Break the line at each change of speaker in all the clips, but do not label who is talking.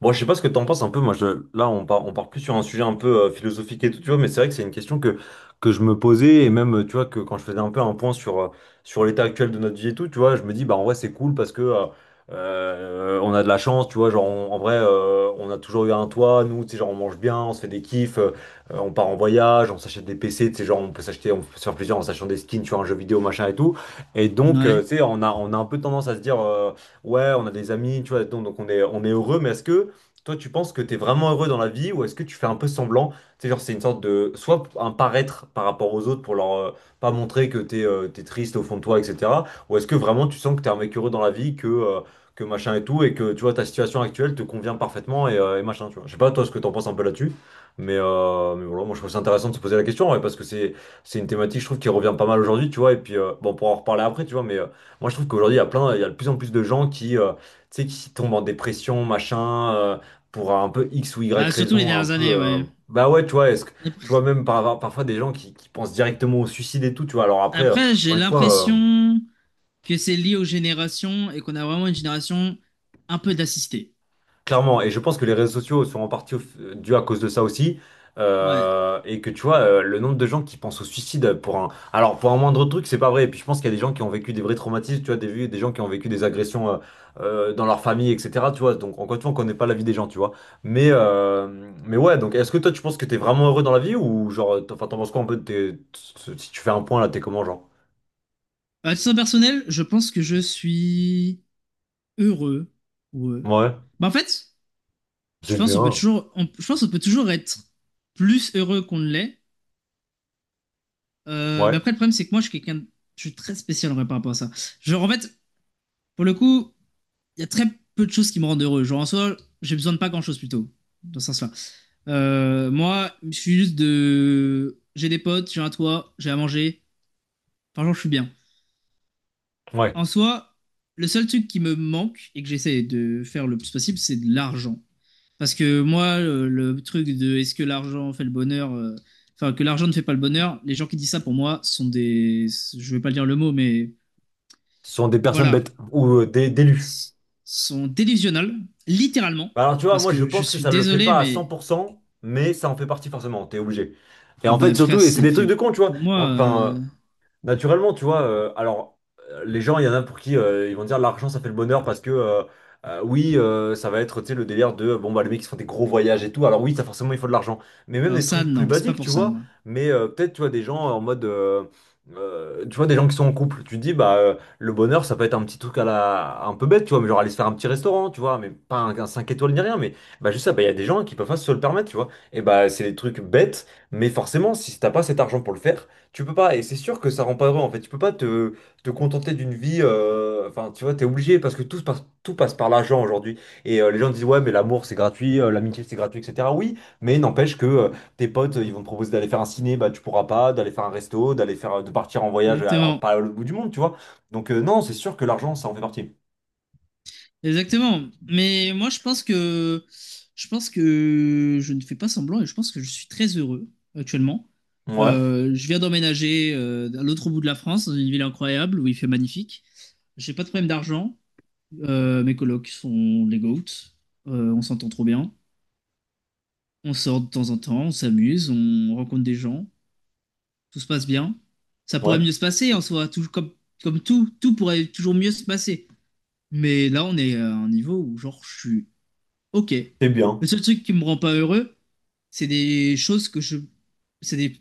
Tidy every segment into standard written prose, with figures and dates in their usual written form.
Bon, je sais pas ce que t'en penses un peu. Moi, je, là, on part plus sur un sujet un peu philosophique et tout, tu vois. Mais c'est vrai que c'est une question que je me posais et même, tu vois, que quand je faisais un peu un point sur, sur l'état actuel de notre vie et tout, tu vois, je me dis, bah, en vrai, c'est cool parce que on a de la chance, tu vois. Genre, en vrai, on a toujours eu un toit. Nous, tu sais, genre, on mange bien, on se fait des kiffs, on part en voyage, on s'achète des PC, tu sais, genre, on peut se faire plaisir en s'achetant des skins, tu vois, un jeu vidéo, machin et tout. Et donc,
Ouais.
tu sais, on a un peu tendance à se dire, ouais, on a des amis, tu vois, donc on est heureux. Mais est-ce que toi, tu penses que tu es vraiment heureux dans la vie, ou est-ce que tu fais un peu semblant? Tu sais, genre, c'est une sorte de. Soit un paraître par rapport aux autres pour leur pas montrer que t'es triste au fond de toi, etc. Ou est-ce que vraiment tu sens que t'es un mec heureux dans la vie, que machin et tout, et que tu vois ta situation actuelle te convient parfaitement et machin, tu vois. Je sais pas toi ce que t'en penses un peu là-dessus, mais voilà, moi je trouve ça intéressant de se poser la question ouais, parce que c'est une thématique, je trouve, qui revient pas mal aujourd'hui, tu vois. Et puis, bon, pour en reparler après, tu vois, mais moi je trouve qu'aujourd'hui il y a plein, il y a de plus en plus de gens qui, tu sais, qui tombent en dépression, machin, pour un peu X ou Y
Bah, surtout les
raison, un
dernières
peu.
années,
euh,
ouais.
Bah ouais, tu vois, est-ce que tu vois
Après,
parfois des gens qui pensent directement au suicide et tout, tu vois. Alors après,
après, j'ai
encore une fois.
l'impression que c'est lié aux générations et qu'on a vraiment une génération un peu d'assistée.
Clairement, et je pense que les réseaux sociaux sont en partie dus à cause de ça aussi,
Ouais.
et que tu vois, le nombre de gens qui pensent au suicide pour un... Alors, pour un moindre truc, c'est pas vrai, et puis je pense qu'il y a des gens qui ont vécu des vrais traumatismes, tu vois, des gens qui ont vécu des agressions dans leur famille, etc., tu vois, donc encore une fois, on connaît pas la vie des gens, tu vois, mais, euh, mais ouais, donc est-ce que toi, tu penses que t'es vraiment heureux dans la vie, ou genre, enfin, t'en penses quoi un peu de tes... Si tu fais un point, là, t'es comment, genre?
À titre personnel, je pense que je suis heureux. Ouais.
Ouais,
Bah, en fait,
c'est bien.
je pense qu'on peut toujours être plus heureux qu'on ne l'est. Mais
Ouais,
après, le problème, c'est que moi, je suis quelqu'un, je suis très spécial en vrai par rapport à ça. Genre, en fait, pour le coup, il y a très peu de choses qui me rendent heureux. Genre, en soi, j'ai besoin de pas grand-chose plutôt, dans ce sens. Moi, je suis juste de. J'ai des potes, j'ai un toit, j'ai à manger. Franchement, je suis bien.
ouais.
En soi, le seul truc qui me manque et que j'essaie de faire le plus possible, c'est de l'argent. Parce que moi, le truc de est-ce que l'argent fait le bonheur, enfin que l'argent ne fait pas le bonheur. Les gens qui disent ça pour moi sont des, je vais pas dire le mot, mais
Ce sont des personnes
voilà,
bêtes, ou des, d'élus.
S- sont délusionnels, littéralement.
Bah alors tu vois,
Parce
moi je
que je
pense que
suis
ça le fait
désolé,
pas à cent
mais
pour cent, mais ça en fait partie forcément, t'es obligé. Et
ah
en fait
ben
surtout,
frère,
et c'est
c'est
des trucs
fait
de con, tu vois.
pour
Mais
moi.
enfin, naturellement, tu vois, alors les gens, il y en a pour qui ils vont dire l'argent ça fait le bonheur parce que oui, ça va être tu sais, le délire de bon bah les mecs qui font des gros voyages et tout, alors oui, ça forcément il faut de l'argent, mais même
Alors
des
ça,
trucs plus
non, c'est pas
basiques,
pour
tu
ça,
vois,
moi.
mais peut-être tu vois des gens en mode, tu vois, des gens qui sont en couple, tu te dis bah le bonheur ça peut être un petit truc à la un peu bête, tu vois, mais genre aller se faire un petit restaurant, tu vois, mais pas un 5 étoiles ni rien, mais bah juste ça, bah il y a des gens qui peuvent pas se le permettre, tu vois, et bah c'est des trucs bêtes, mais forcément si t'as pas cet argent pour le faire. Tu peux pas, et c'est sûr que ça rend pas heureux en fait. Tu peux pas te, te contenter d'une vie. Enfin, tu vois, t'es obligé parce que tout passe par l'argent aujourd'hui. Et les gens disent, ouais, mais l'amour c'est gratuit, l'amitié c'est gratuit, etc. Oui, mais n'empêche que tes potes ils vont te proposer d'aller faire un ciné, bah tu pourras pas, d'aller faire un resto, d'aller faire, de partir en voyage, alors
Exactement,
pas au bout du monde, tu vois. Donc, non, c'est sûr que l'argent ça en fait partie.
exactement. Mais moi, je pense que je ne fais pas semblant et je pense que je suis très heureux actuellement.
Ouais,
Je viens d'emménager à l'autre bout de la France, dans une ville incroyable où il fait magnifique. J'ai pas de problème d'argent. Mes colocs sont les goats. On s'entend trop bien. On sort de temps en temps, on s'amuse, on rencontre des gens. Tout se passe bien. Ça pourrait
ouais,
mieux se passer en soi, tout comme tout, tout pourrait toujours mieux se passer. Mais là, on est à un niveau où genre je suis. Ok.
c'est
Le
bien.
seul truc qui me rend pas heureux, c'est des choses c'est des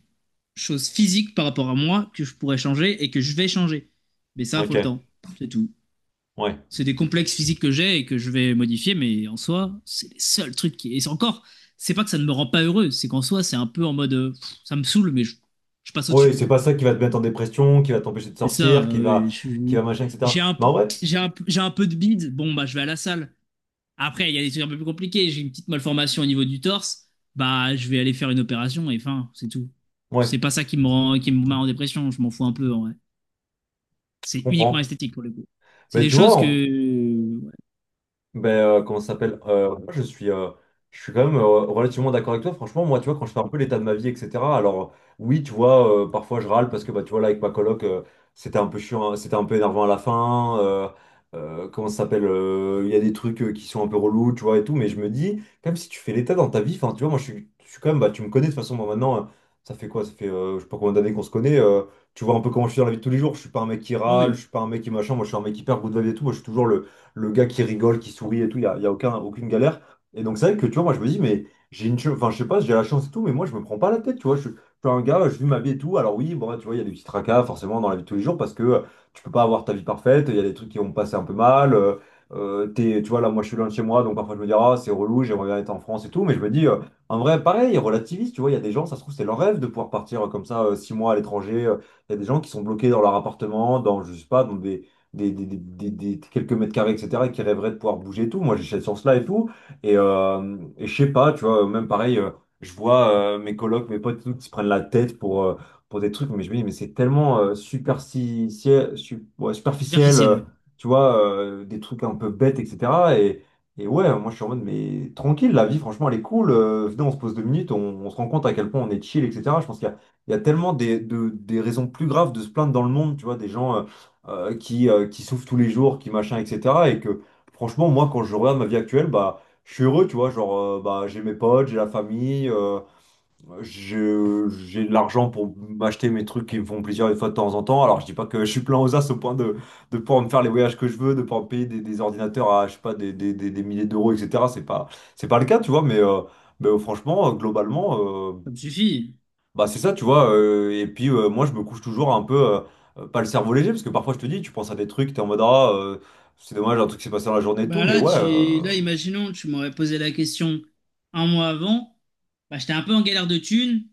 choses physiques par rapport à moi que je pourrais changer et que je vais changer. Mais ça, faut
Ok,
le temps. C'est tout.
ouais.
C'est des complexes physiques que j'ai et que je vais modifier, mais en soi, c'est les seuls trucs qui... Et c'est encore, c'est pas que ça ne me rend pas heureux, c'est qu'en soi, c'est un peu en mode, pff, ça me saoule, mais je passe
Oui,
au-dessus.
c'est pas ça qui va te mettre en dépression, qui va t'empêcher de
Et ça,
sortir, qui
je-
va machin, etc.
j'ai un, p-
Bah ouais,
j'ai un, p- j'ai un peu de bide. Bon, bah, je vais à la salle. Après, il y a des trucs un peu plus compliqués. J'ai une petite malformation au niveau du torse. Bah, je vais aller faire une opération et fin, c'est tout.
ouais,
C'est pas ça qui me rend, qui me met en dépression. Je m'en fous un peu, en vrai.
je
C'est uniquement
comprends.
esthétique pour le coup. C'est
Mais
des
tu
choses
vois,
que, ouais.
ben, comment ça s'appelle? Moi, je suis quand même relativement d'accord avec toi. Franchement, moi, tu vois, quand je fais un peu l'état de ma vie, etc. Alors, oui, tu vois, parfois je râle parce que, bah, tu vois, là, avec ma coloc, c'était un peu chiant, hein, c'était un peu énervant à la fin. Comment ça s'appelle? Il y a des trucs qui sont un peu relous, tu vois, et tout. Mais je me dis, même si tu fais l'état dans ta vie, enfin, tu vois, je suis quand même, bah, tu me connais de toute façon, moi, maintenant, ça fait quoi? Ça fait, je sais pas combien d'années qu'on se connaît. Tu vois un peu comment je suis dans la vie de tous les jours. Je suis pas un mec qui
Oh
râle,
oui,
je suis pas un mec qui machin. Moi, je suis un mec hyper good vibe et tout. Moi, je suis toujours le gars qui rigole, qui sourit et tout, y a aucun, aucune galère. Et donc c'est vrai que tu vois, moi je me dis, mais j'ai une chance, enfin je sais pas, j'ai la chance et tout, mais moi je me prends pas la tête, tu vois. Je suis un gars, je vis ma vie et tout. Alors oui, bon, bah, tu vois, il y a des petits tracas forcément dans la vie de tous les jours parce que tu peux pas avoir ta vie parfaite, il y a des trucs qui vont passer un peu mal. Tu vois, là, moi je suis loin de chez moi, donc parfois je me dis, ah, c'est relou, j'aimerais bien être en France et tout, mais je me dis, en vrai, pareil, relativiste, tu vois, il y a des gens, ça se trouve, c'est leur rêve de pouvoir partir comme ça, 6 mois à l'étranger. Il y a des gens qui sont bloqués dans leur appartement, dans, je sais pas, dans quelques mètres carrés, etc., et qui rêveraient de pouvoir bouger et tout. Moi, j'ai cette chance-là et tout. Et je sais pas, tu vois, même pareil, je vois mes colocs, mes potes et tout, qui se prennent la tête pour des trucs, mais je me dis, mais c'est tellement ouais, superficiel,
superficielles.
tu vois, des trucs un peu bêtes, etc. Et, et ouais, moi je suis en mode, mais tranquille, la vie, franchement, elle est cool. Venez, on se rend compte à quel point on est chill, etc. Je pense il y a tellement des raisons plus graves de se plaindre dans le monde, tu vois, des gens qui souffrent tous les jours, qui machin, etc. Et que franchement, moi, quand je regarde ma vie actuelle, bah, je suis heureux, tu vois. Genre, bah, j'ai mes potes, j'ai la famille, j'ai de l'argent pour m'acheter mes trucs qui me font plaisir une fois de temps en temps. Alors, je dis pas que je suis plein aux as au point de pouvoir me faire les voyages que je veux, de pouvoir me payer des ordinateurs à, je sais pas, des milliers d'euros, etc. C'est pas le cas, tu vois, mais. Mais, franchement, globalement,
Ça me suffit.
bah c'est ça, tu vois. Et puis moi, je me couche toujours un peu, pas le cerveau léger, parce que parfois je te dis, tu penses à des trucs, t'es en mode, ah, c'est dommage, un truc s'est passé dans la journée et tout,
Bah
mais
là,
ouais,
là, imaginons, tu m'aurais posé la question un mois avant. Bah, j'étais un peu en galère de thunes.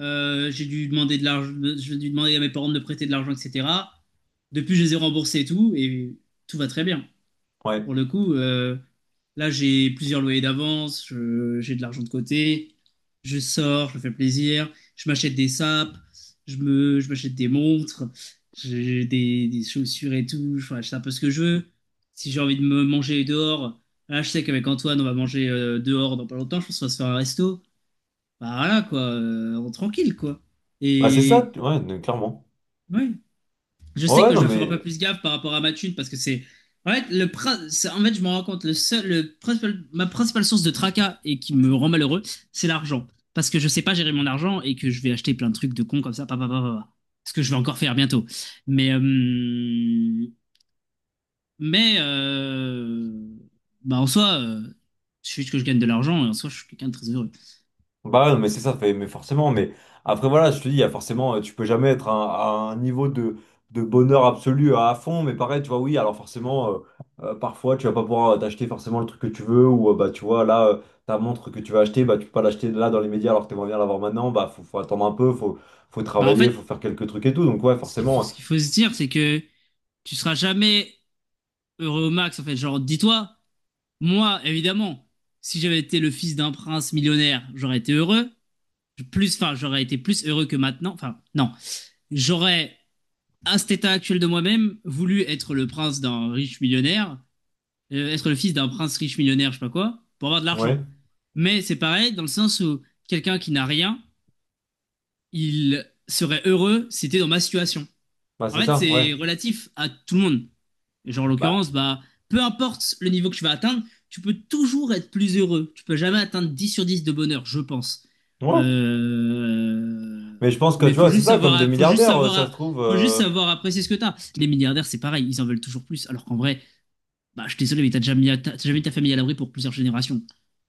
J'ai dû demander de l'argent, j'ai dû demander à mes parents de me prêter de l'argent, etc. Depuis, je les ai remboursés et tout va très bien.
ouais.
Pour le coup, là, j'ai plusieurs loyers d'avance, j'ai de l'argent de côté, je sors, je me fais plaisir, je m'achète des sapes, je m'achète des montres, j'ai des chaussures et tout, enfin, je sais un peu ce que je veux. Si j'ai envie de me manger dehors, là, je sais qu'avec Antoine, on va manger dehors dans pas longtemps, je pense qu'on va se faire un resto. Bah voilà, quoi, tranquille, quoi.
Bah c'est ça,
Et
tu- ouais, clairement.
ouais, je
Ouais,
sais
ouais,
que je
non
dois faire un peu
mais.
plus gaffe par rapport à ma thune parce que c'est. En fait, je me rends compte, le seul, le principal- ma principale source de tracas et qui me rend malheureux, c'est l'argent. Parce que je sais pas gérer mon argent et que je vais acheter plein de trucs de cons comme ça, pa, pa, pa, pa, pa. Ce que je vais encore faire bientôt. Mais, euh, mais, bah en soi, il suffit que je gagne de l'argent et en soi, je suis quelqu'un de très heureux.
Bah ouais, non, mais c'est ça, fait, mais forcément, mais après voilà, je te dis, il y a forcément, tu peux jamais être à un niveau de bonheur absolu à fond, mais pareil, tu vois, oui, alors forcément, parfois tu vas pas pouvoir t'acheter forcément le truc que tu veux, ou bah tu vois, là, ta montre que tu vas acheter, bah tu peux pas l'acheter là dans les médias alors que t'aimerais bien l'avoir maintenant, bah faut, faut attendre un peu, faut, faut
Bah en
travailler,
fait,
faut faire quelques trucs et tout, donc ouais, forcément,
ce qu'il faut se dire, c'est que tu seras jamais heureux au max. En fait, genre, dis-toi. Moi, évidemment, si j'avais été le fils d'un prince millionnaire, j'aurais été heureux. Plus, enfin, j'aurais été plus heureux que maintenant. Enfin, non. J'aurais, à cet état actuel de moi-même, voulu être le prince d'un riche millionnaire, être le fils d'un prince riche millionnaire, je sais pas quoi, pour avoir de
ouais. Ouais,
l'argent. Mais c'est pareil, dans le sens où quelqu'un qui n'a rien, il serait heureux, si c'était dans ma situation.
bah
En
c'est
fait,
ça, ouais,
c'est relatif à tout le monde. Et genre, en
bah
l'occurrence, bah, peu importe le niveau que tu vas atteindre, tu peux toujours être plus heureux. Tu peux jamais atteindre 10/10 de bonheur, je pense.
ouais,
Euh...
mais je pense que
Mais
tu vois, c'est ça, comme des milliardaires, ça se trouve.
faut juste savoir apprécier ce que t'as. Les milliardaires, c'est pareil, ils en veulent toujours plus. Alors qu'en vrai, bah, je suis désolé, mais t'as jamais mis ta famille à l'abri pour plusieurs générations.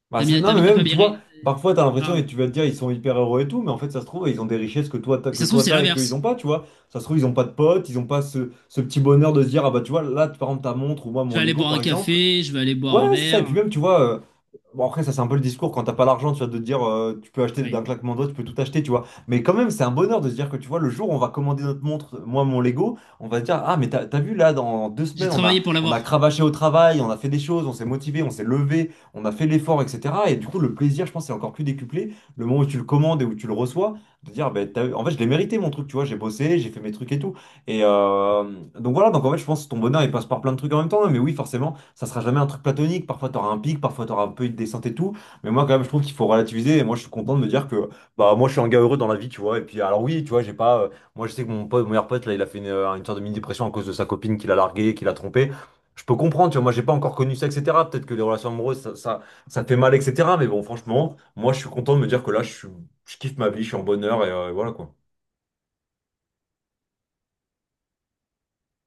Bah,
T'as
c'est-
mis,
non,
t'as
mais
mis ta
même,
famille.
tu
à
vois,
l'abri-
parfois, t'as l'impression, et
enfin,
tu vas te dire, ils sont hyper heureux et tout, mais en fait, ça se trouve, ils ont des richesses
et
que
ça se trouve,
toi,
c'est
t'as et qu'ils ont
l'inverse.
pas, tu vois. Ça se trouve, ils ont pas de potes, ils ont pas ce petit bonheur de se dire, ah bah, tu vois, là, par exemple, ta montre ou moi,
Je
mon
vais aller
Lego,
boire un
par exemple.
café, je vais aller boire un
Ouais, c'est ça. Et puis
verre.
même, tu vois, bon, après, ça, c'est un peu le discours quand t'as pas l'argent, tu vois, de te dire tu peux acheter d'un
Oui.
claquement de doigts, tu peux tout acheter, tu vois. Mais quand même, c'est un bonheur de se dire que tu vois, le jour où on va commander notre montre, moi, mon Lego, on va se dire, ah, mais t'as, t'as vu là, dans deux
J'ai
semaines,
travaillé pour
on a
l'avoir.
cravaché au travail, on a fait des choses, on s'est motivé, on s'est levé, on a fait l'effort, etc. Et du coup, le plaisir, je pense, c'est encore plus décuplé le moment où tu le commandes et où tu le reçois, de dire, ben, t'as- en fait, je l'ai mérité mon truc, tu vois, j'ai bossé, j'ai fait mes trucs et tout. Et euh, donc voilà, donc en fait, je pense que ton bonheur, il passe par plein de trucs en même temps, hein. Mais oui, forcément ça sera jamais un truc platonique. Parfois, tu auras un pic, parfois, tu auras un peu une descente et tout. Mais moi, quand même, je trouve qu'il faut relativiser. Et moi, je suis content de me dire que bah, moi, je suis un gars heureux dans la vie, tu vois. Et puis, alors, oui, tu vois, j'ai pas. Moi, je sais que mon meilleur pote, là, il a fait une sorte de mini-dépression à cause de sa copine qu'il a larguée, qu'il a trompée. Je peux comprendre, tu vois. Moi, j'ai pas encore connu ça, etc. Peut-être que les relations amoureuses, ça te fait mal, etc. Mais bon, franchement, moi, je suis content de me dire que là, je suis- je kiffe ma vie, je suis en bonheur et voilà quoi.